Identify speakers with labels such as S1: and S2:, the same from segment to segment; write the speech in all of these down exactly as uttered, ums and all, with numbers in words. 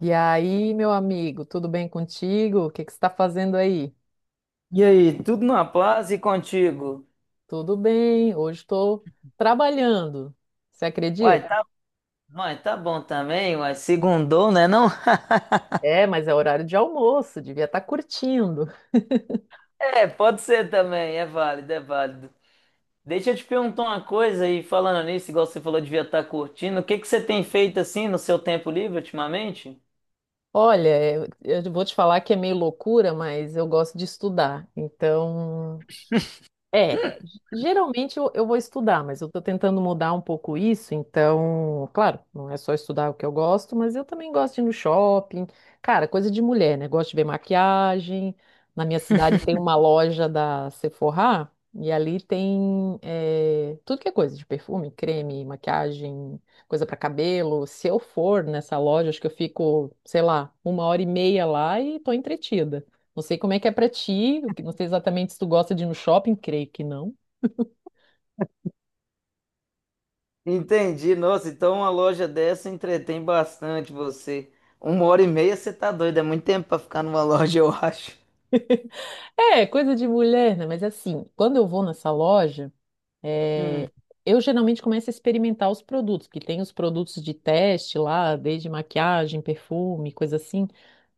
S1: E aí, meu amigo, tudo bem contigo? O que que você está fazendo aí?
S2: E aí, tudo na paz e contigo?
S1: Tudo bem, hoje estou trabalhando. Você acredita?
S2: Uai, tá, uai, tá bom também, uai, segundou, né não?
S1: É, mas é horário de almoço, devia estar curtindo.
S2: É, pode ser também, é válido, é válido. Deixa eu te perguntar uma coisa aí, falando nisso, igual você falou, devia estar curtindo, o que que você tem feito assim no seu tempo livre ultimamente?
S1: Olha, eu eu vou te falar que é meio loucura, mas eu gosto de estudar. Então, É, geralmente eu, eu vou estudar, mas eu estou tentando mudar um pouco isso, então, claro, não é só estudar o que eu gosto, mas eu também gosto de ir no shopping. Cara, coisa de mulher, né? Gosto de ver maquiagem. Na minha cidade tem uma loja da Sephora, e ali tem eh, tudo que é coisa de perfume, creme, maquiagem, coisa para cabelo. Se eu for nessa loja, acho que eu fico, sei lá, uma hora e meia lá e tô entretida. Não sei como é que é pra ti, o que- não sei exatamente se tu gosta de ir no shopping, creio que não.
S2: Entendi, nossa, então uma loja dessa entretém bastante você. Uma hora e meia você tá doido, é muito tempo pra ficar numa loja, eu acho.
S1: É, coisa de mulher, né? Mas assim, quando eu vou nessa loja, é,
S2: Hum,
S1: eu geralmente começo a experimentar os produtos, porque tem os produtos de teste lá, desde maquiagem, perfume, coisa assim.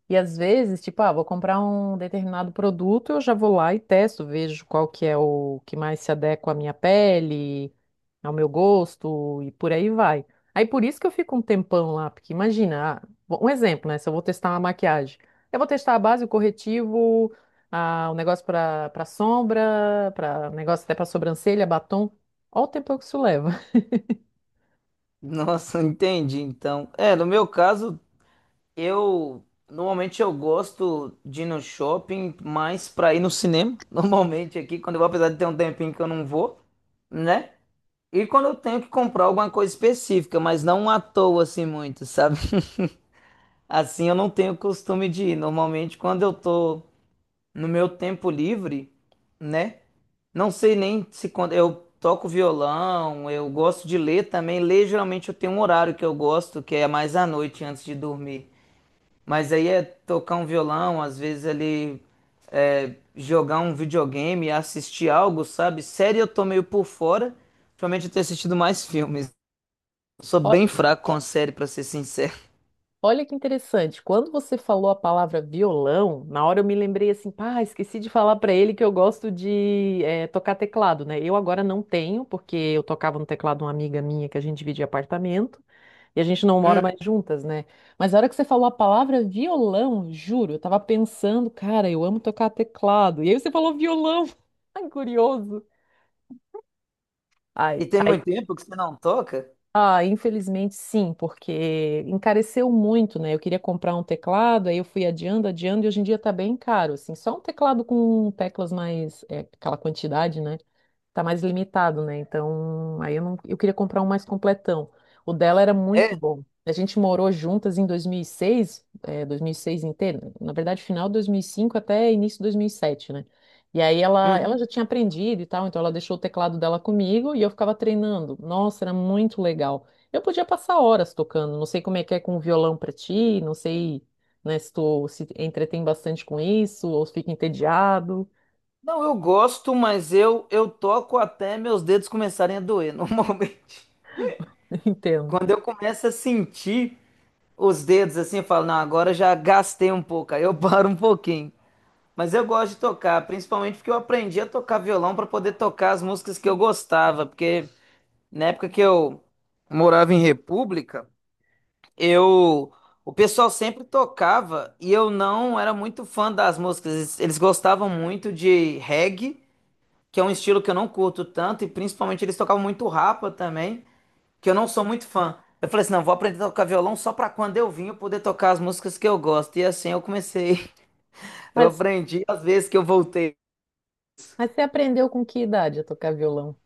S1: E às vezes, tipo, ah, vou comprar um determinado produto, eu já vou lá e testo, vejo qual que é o que mais se adequa à minha pele, ao meu gosto e por aí vai. Aí por isso que eu fico um tempão lá, porque imagina, ah, bom, um exemplo, né? Se eu vou testar uma maquiagem, eu vou testar a base, o corretivo, a, o negócio para para sombra, para negócio até para sobrancelha, batom. Olha o tempo que isso leva.
S2: Nossa, entendi. Então, é, no meu caso, Eu normalmente eu gosto de ir no shopping mais pra ir no cinema. Normalmente aqui, quando eu vou, apesar de ter um tempinho que eu não vou, né? E quando eu tenho que comprar alguma coisa específica, mas não à toa assim muito, sabe? Assim eu não tenho costume de ir. Normalmente quando eu tô no meu tempo livre, né? Não sei nem se quando eu toco violão, eu gosto de ler também. Ler geralmente eu tenho um horário que eu gosto, que é mais à noite antes de dormir. Mas aí é tocar um violão, às vezes ali é, jogar um videogame, assistir algo, sabe? Série eu tô meio por fora. Ultimamente eu tenho assistido mais filmes. Sou bem fraco com série, pra ser sincero.
S1: Olha que interessante. Quando você falou a palavra violão, na hora eu me lembrei assim, pá, esqueci de falar pra ele que eu gosto de eh, tocar teclado, né? Eu agora não tenho, porque eu tocava no teclado de uma amiga minha que a gente dividia apartamento e a gente não mora
S2: Hum,
S1: mais juntas, né? Mas na hora que você falou a palavra violão, juro, eu tava pensando, cara, eu amo tocar teclado. E aí você falou violão. Ai, curioso.
S2: E
S1: Ai,
S2: tem
S1: aí.
S2: muito tempo que você não toca?
S1: Ah, infelizmente sim, porque encareceu muito, né? Eu queria comprar um teclado, aí eu fui adiando, adiando, e hoje em dia tá bem caro, assim. Só um teclado com teclas mais, é, aquela quantidade, né? Tá mais limitado, né? Então, aí eu não, eu queria comprar um mais completão. O dela era muito
S2: É?
S1: bom. A gente morou juntas em dois mil e seis, é, dois mil e seis inteiro, na verdade, final de dois mil e cinco até início de dois mil e sete, né? E aí ela, ela já
S2: Uhum.
S1: tinha aprendido e tal, então ela deixou o teclado dela comigo e eu ficava treinando. Nossa, era muito legal. Eu podia passar horas tocando, não sei como é que é com o violão pra ti, não sei, né, se tu se entretém bastante com isso ou se fica entediado.
S2: Não, eu gosto, mas eu, eu toco até meus dedos começarem a doer, normalmente.
S1: Entendo.
S2: Quando eu começo a sentir os dedos assim, eu falo, não, agora já gastei um pouco, aí eu paro um pouquinho. Mas eu gosto de tocar, principalmente porque eu aprendi a tocar violão para poder tocar as músicas que eu gostava, porque na época que eu morava em República, eu o pessoal sempre tocava e eu não era muito fã das músicas. Eles, eles gostavam muito de reggae, que é um estilo que eu não curto tanto, e principalmente eles tocavam muito rapa também, que eu não sou muito fã. Eu falei assim, não, vou aprender a tocar violão só para quando eu vim eu poder tocar as músicas que eu gosto. E assim eu comecei, eu
S1: Mas,
S2: aprendi às vezes que eu voltei.
S1: mas você aprendeu com que idade a tocar violão?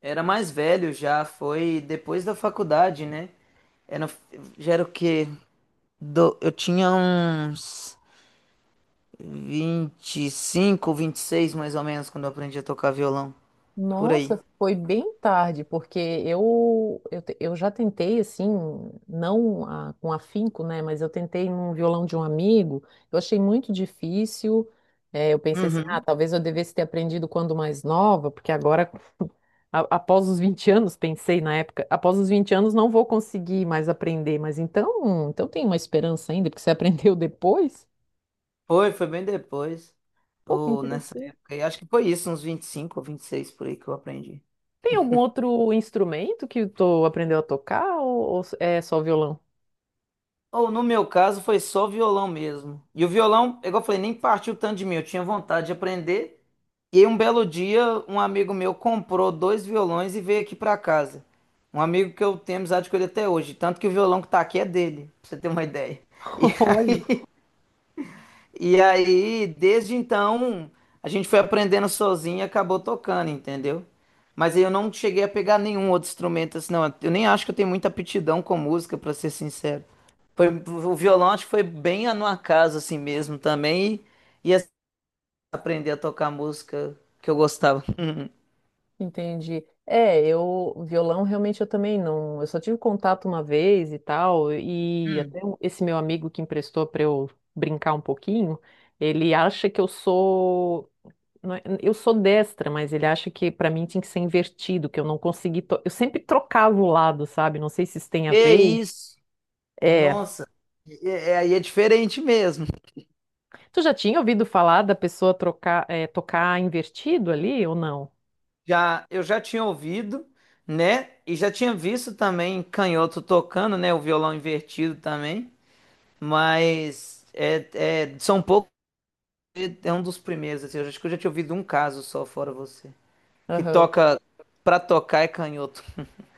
S2: Era mais velho já, foi depois da faculdade, né? Era, já era o quê? Do- eu tinha uns vinte, vinte e cinco, vinte e seis mais ou menos quando eu aprendi a tocar violão. Por aí.
S1: Nossa, foi bem tarde, porque eu, eu, te- eu já tentei, assim, não a- com afinco, né? Mas eu tentei num violão de um amigo, eu achei muito difícil. é, eu pensei assim, ah,
S2: Uhum.
S1: talvez eu devesse ter aprendido quando mais nova, porque agora, a- após os vinte anos, pensei na época, após os vinte anos não vou conseguir mais aprender, mas então, então tem uma esperança ainda, porque você aprendeu depois?
S2: Foi, foi bem depois.
S1: Pô, que
S2: Ou nessa
S1: interessante.
S2: época, aí acho que foi isso, uns vinte e cinco ou vinte e seis por aí que eu aprendi.
S1: Tem algum outro instrumento que tu aprendeu a tocar ou ou é só violão?
S2: Ou no meu caso foi só violão mesmo. E o violão, igual eu falei, nem partiu tanto de mim. Eu tinha vontade de aprender. E aí, um belo dia, um amigo meu comprou dois violões e veio aqui pra casa. Um amigo que eu tenho amizade com ele até hoje. Tanto que o violão que tá aqui é dele, pra você ter uma ideia. E,
S1: Olha.
S2: e aí, desde então, a gente foi aprendendo sozinho e acabou tocando, entendeu? Mas aí eu não cheguei a pegar nenhum outro instrumento assim, não. Eu nem acho que eu tenho muita aptidão com música, pra ser sincero. Foi, o violão acho que foi bem no acaso assim mesmo também. E, e assim, aprender a tocar música que eu gostava.
S1: Entendi. É, eu, violão realmente eu também não. Eu só tive contato uma vez e tal, e até um- esse meu amigo que emprestou para eu brincar um pouquinho, ele acha que eu sou. Não, é- eu sou destra, mas ele acha que para mim tinha que ser invertido, que eu não consegui. to- Eu sempre trocava o lado, sabe? Não sei se isso tem a
S2: Que
S1: ver.
S2: isso?
S1: É.
S2: Nossa, é, é- aí é diferente mesmo.
S1: Tu já tinha ouvido falar da pessoa trocar, é, tocar invertido ali ou não?
S2: Já, eu já tinha ouvido, né? E já tinha visto também canhoto tocando, né? O violão invertido também. Mas é, é- são poucos, é um dos primeiros, assim. Eu acho que eu já tinha ouvido um caso só, fora você. Que toca, pra tocar é canhoto.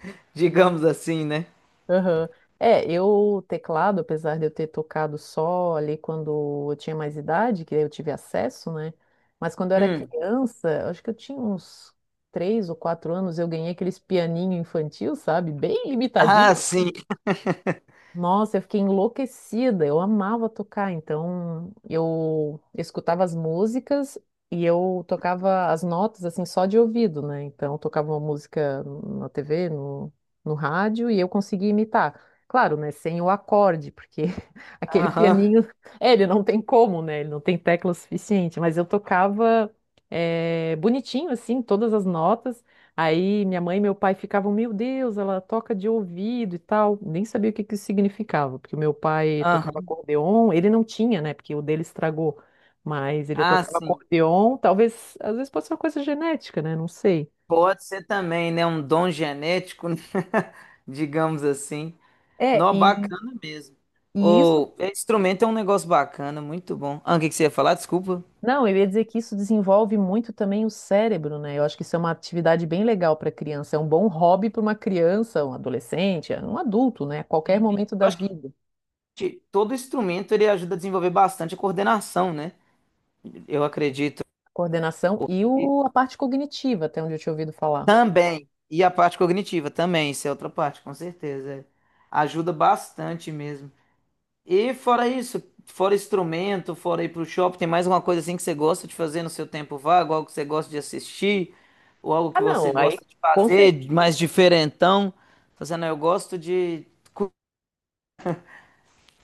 S2: Digamos assim, né?
S1: Aham. É, eu, teclado, apesar de eu ter tocado só ali quando eu tinha mais idade, que eu tive acesso, né? Mas quando eu era
S2: Hum.
S1: criança, acho que eu tinha uns três ou quatro anos, eu ganhei aqueles pianinho infantil, sabe? Bem
S2: Ah,
S1: limitadinho,
S2: sim.
S1: nossa, eu fiquei enlouquecida. Eu amava tocar, então eu escutava as músicas e eu tocava as notas assim só de ouvido, né? Então eu tocava uma música na T V, no, no rádio e eu conseguia imitar. Claro, né? Sem o acorde, porque aquele
S2: Aham.
S1: pianinho, é, ele não tem como, né? Ele não tem tecla suficiente, mas eu tocava eh, bonitinho assim todas as notas. Aí minha mãe e meu pai ficavam, meu Deus, ela toca de ouvido e tal. Nem sabia o que que isso significava, porque o meu pai tocava
S2: Aham.
S1: acordeon, ele não tinha, né? Porque o dele estragou. Mas ele
S2: Ah,
S1: tocava
S2: sim.
S1: acordeon, talvez, às vezes pode ser uma coisa genética, né? Não sei.
S2: Pode ser também, né? Um dom genético, né? digamos assim.
S1: É,
S2: Nó,
S1: e,
S2: bacana mesmo.
S1: e isso,
S2: O é, instrumento é um negócio bacana, muito bom. Ah, o que que você ia falar? Desculpa.
S1: não, eu ia dizer que isso desenvolve muito também o cérebro, né? Eu acho que isso é uma atividade bem legal para criança, é um bom hobby para uma criança, um adolescente, um adulto, né? Qualquer
S2: Sim.
S1: momento da
S2: Eu acho
S1: vida.
S2: que todo instrumento ele ajuda a desenvolver bastante a coordenação, né? Eu acredito.
S1: Coordenação e
S2: E
S1: o, a parte cognitiva, até onde eu tinha ouvido falar.
S2: também. E a parte cognitiva também, isso é outra parte, com certeza. É. Ajuda bastante mesmo. E fora isso, fora instrumento, fora ir pro shopping, tem mais alguma coisa assim que você gosta de fazer no seu tempo vago? Algo que você gosta de assistir? Ou algo
S1: Ah,
S2: que você
S1: não, aí
S2: gosta de
S1: com certeza.
S2: fazer, mais diferentão? Fazendo, eu gosto de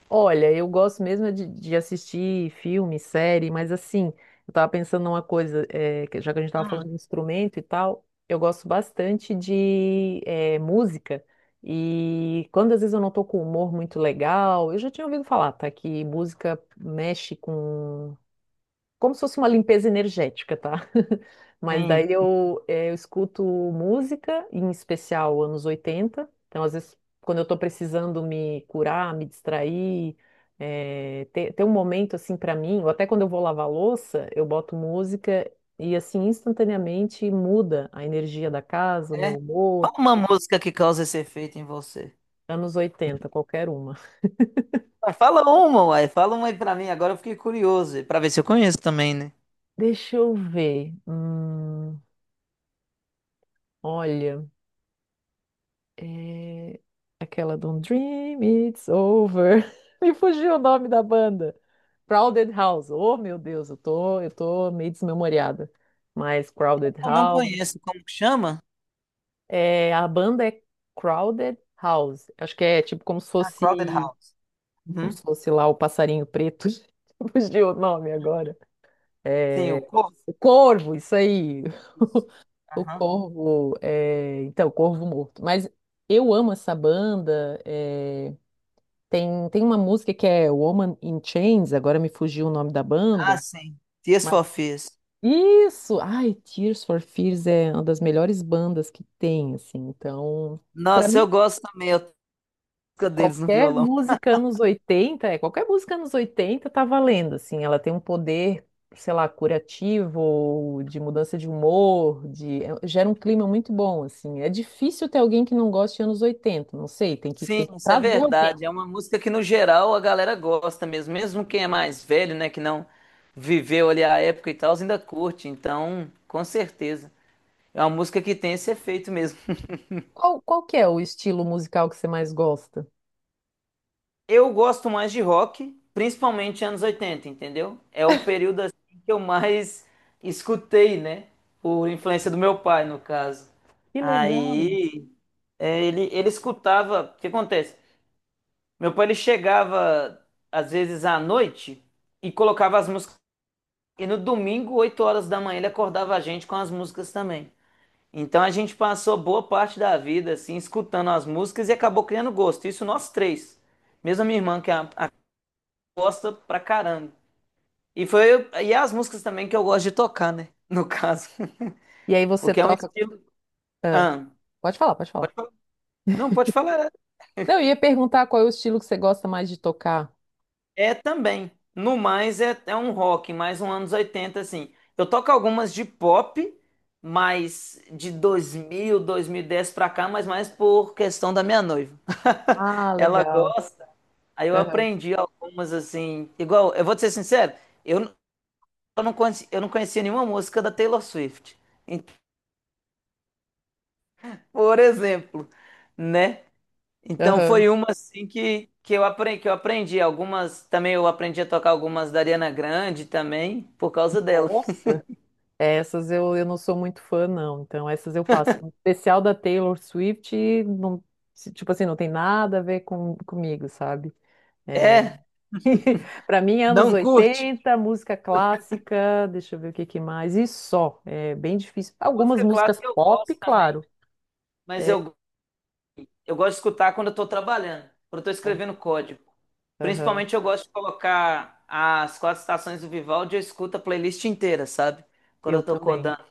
S1: Olha, eu gosto mesmo é de, de assistir filme, série, mas assim, eu tava pensando numa coisa, eh, que já que a gente tava falando de instrumento e tal, eu gosto bastante de eh, música. E quando às vezes eu não tô com humor muito legal, eu já tinha ouvido falar, tá? Que música mexe com como se fosse uma limpeza energética, tá? Mas
S2: cozinhar,
S1: daí eu, eh, eu escuto música, em especial anos oitenta. Então, às vezes, quando eu tô precisando me curar, me distrair, eh, ter, ter um momento assim pra mim, ou até quando eu vou lavar louça, eu boto música e assim instantaneamente muda a energia da casa, o meu
S2: né?
S1: humor.
S2: Fala uma música que causa esse efeito em você.
S1: Anos oitenta, qualquer uma.
S2: Ué, fala uma, uai. Fala uma aí pra mim. Agora eu fiquei curioso, pra ver se eu conheço também, né?
S1: Deixa eu ver. Hum, olha. É, Aquela don't Dream It's Over. Me fugiu o nome da banda. Crowded House. Oh, meu Deus, eu tô, eu tô meio desmemoriada. Mas Crowded
S2: Eu não
S1: House.
S2: conheço. Como que chama?
S1: É, a banda é Crowded House. Acho que é tipo como se
S2: Ah, Crowded
S1: fosse,
S2: House.
S1: como
S2: Uhum.
S1: se fosse lá o passarinho preto. Fugiu o nome agora.
S2: Sim,
S1: É,
S2: o corpo.
S1: o Corvo, isso aí.
S2: Isso.
S1: O
S2: Aham.
S1: Corvo, é, então, o Corvo Morto. Mas eu amo essa banda. é, Tem, tem uma música que é Woman in Chains, agora me fugiu o nome da
S2: Ah,
S1: banda,
S2: sim. Tears
S1: mas
S2: for Fears.
S1: isso! Ai, Tears for Fears é uma das melhores bandas que tem, assim. Então, pra
S2: Nossa,
S1: mim,
S2: eu gosto também, a música deles no
S1: qualquer
S2: violão.
S1: música anos oitenta, é, qualquer música anos oitenta tá valendo, assim. Ela tem um poder, sei lá, curativo, de mudança de humor, de é, gera um clima muito bom, assim. É difícil ter alguém que não goste de anos oitenta, não sei, tem que tem
S2: Sim,
S1: que
S2: isso é
S1: trazer
S2: verdade.
S1: alguém.
S2: É uma música que, no geral, a galera gosta mesmo. Mesmo quem é mais velho, né, que não viveu ali a época e tal, ainda curte. Então, com certeza. É uma música que tem esse efeito mesmo.
S1: Qual, qual que é o estilo musical que você mais gosta?
S2: Eu gosto mais de rock, principalmente anos oitenta, entendeu? É o período assim que eu mais escutei, né? Por influência do meu pai, no caso.
S1: Que legal.
S2: Aí, é, ele, ele escutava. O que acontece? Meu pai ele chegava às vezes à noite e colocava as músicas. E no domingo, oito horas da manhã, ele acordava a gente com as músicas também. Então a gente passou boa parte da vida assim escutando as músicas e acabou criando gosto. Isso nós três. Mesmo a minha irmã que é a, a gosta pra caramba. E foi e as músicas também que eu gosto de tocar, né? No caso,
S1: E aí você
S2: porque é um
S1: toca.
S2: estilo.
S1: Ah,
S2: Ah,
S1: pode falar, pode falar.
S2: não pode falar.
S1: Não, eu ia perguntar qual é o estilo que você gosta mais de tocar.
S2: É também. No mais é, é um rock, mais um anos oitenta assim. Eu toco algumas de pop, mas de dois dois mil, dois mil e dez pra cá, mas mais por questão da minha noiva.
S1: Ah,
S2: Ela
S1: legal.
S2: gosta, aí eu
S1: Aham,
S2: aprendi algumas, assim. Igual, eu vou te ser sincero, eu, n- eu não conheci, eu não conhecia nenhuma música da Taylor Swift. Então, por exemplo, né? Então
S1: aham.
S2: foi uma assim que, que eu aprendi, que eu aprendi algumas, também eu aprendi a tocar algumas da Ariana Grande também por causa dela.
S1: Nossa. Essas eu, eu não sou muito fã, não. Então, essas eu faço. Em especial da Taylor Swift, não, se- tipo assim, não tem nada a ver com, comigo, sabe? É,
S2: É,
S1: para mim, anos
S2: não curte?
S1: oitenta, música clássica, deixa eu ver o que que mais, e só. É bem difícil. Algumas
S2: Música
S1: músicas
S2: clássica eu
S1: pop,
S2: gosto também,
S1: claro.
S2: mas
S1: É,
S2: eu, eu gosto de escutar quando eu tô trabalhando, quando eu tô escrevendo código.
S1: aham,
S2: Principalmente eu gosto de colocar as quatro estações do Vivaldi, eu escuto a playlist inteira, sabe? Quando
S1: eu
S2: eu tô
S1: também.
S2: codando.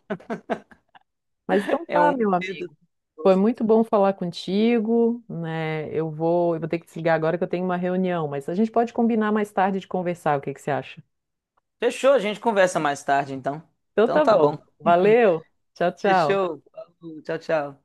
S1: Mas então
S2: É
S1: tá,
S2: um
S1: meu
S2: dedo.
S1: amigo. Foi muito bom falar contigo, né? Eu vou, eu vou ter que desligar agora que eu tenho uma reunião, mas a gente pode combinar mais tarde de conversar, o que que você acha?
S2: Fechou, a gente conversa mais tarde então.
S1: Então
S2: Então
S1: tá
S2: tá
S1: bom.
S2: bom.
S1: Valeu. Tchau, tchau.
S2: Fechou. Falou, tchau, tchau.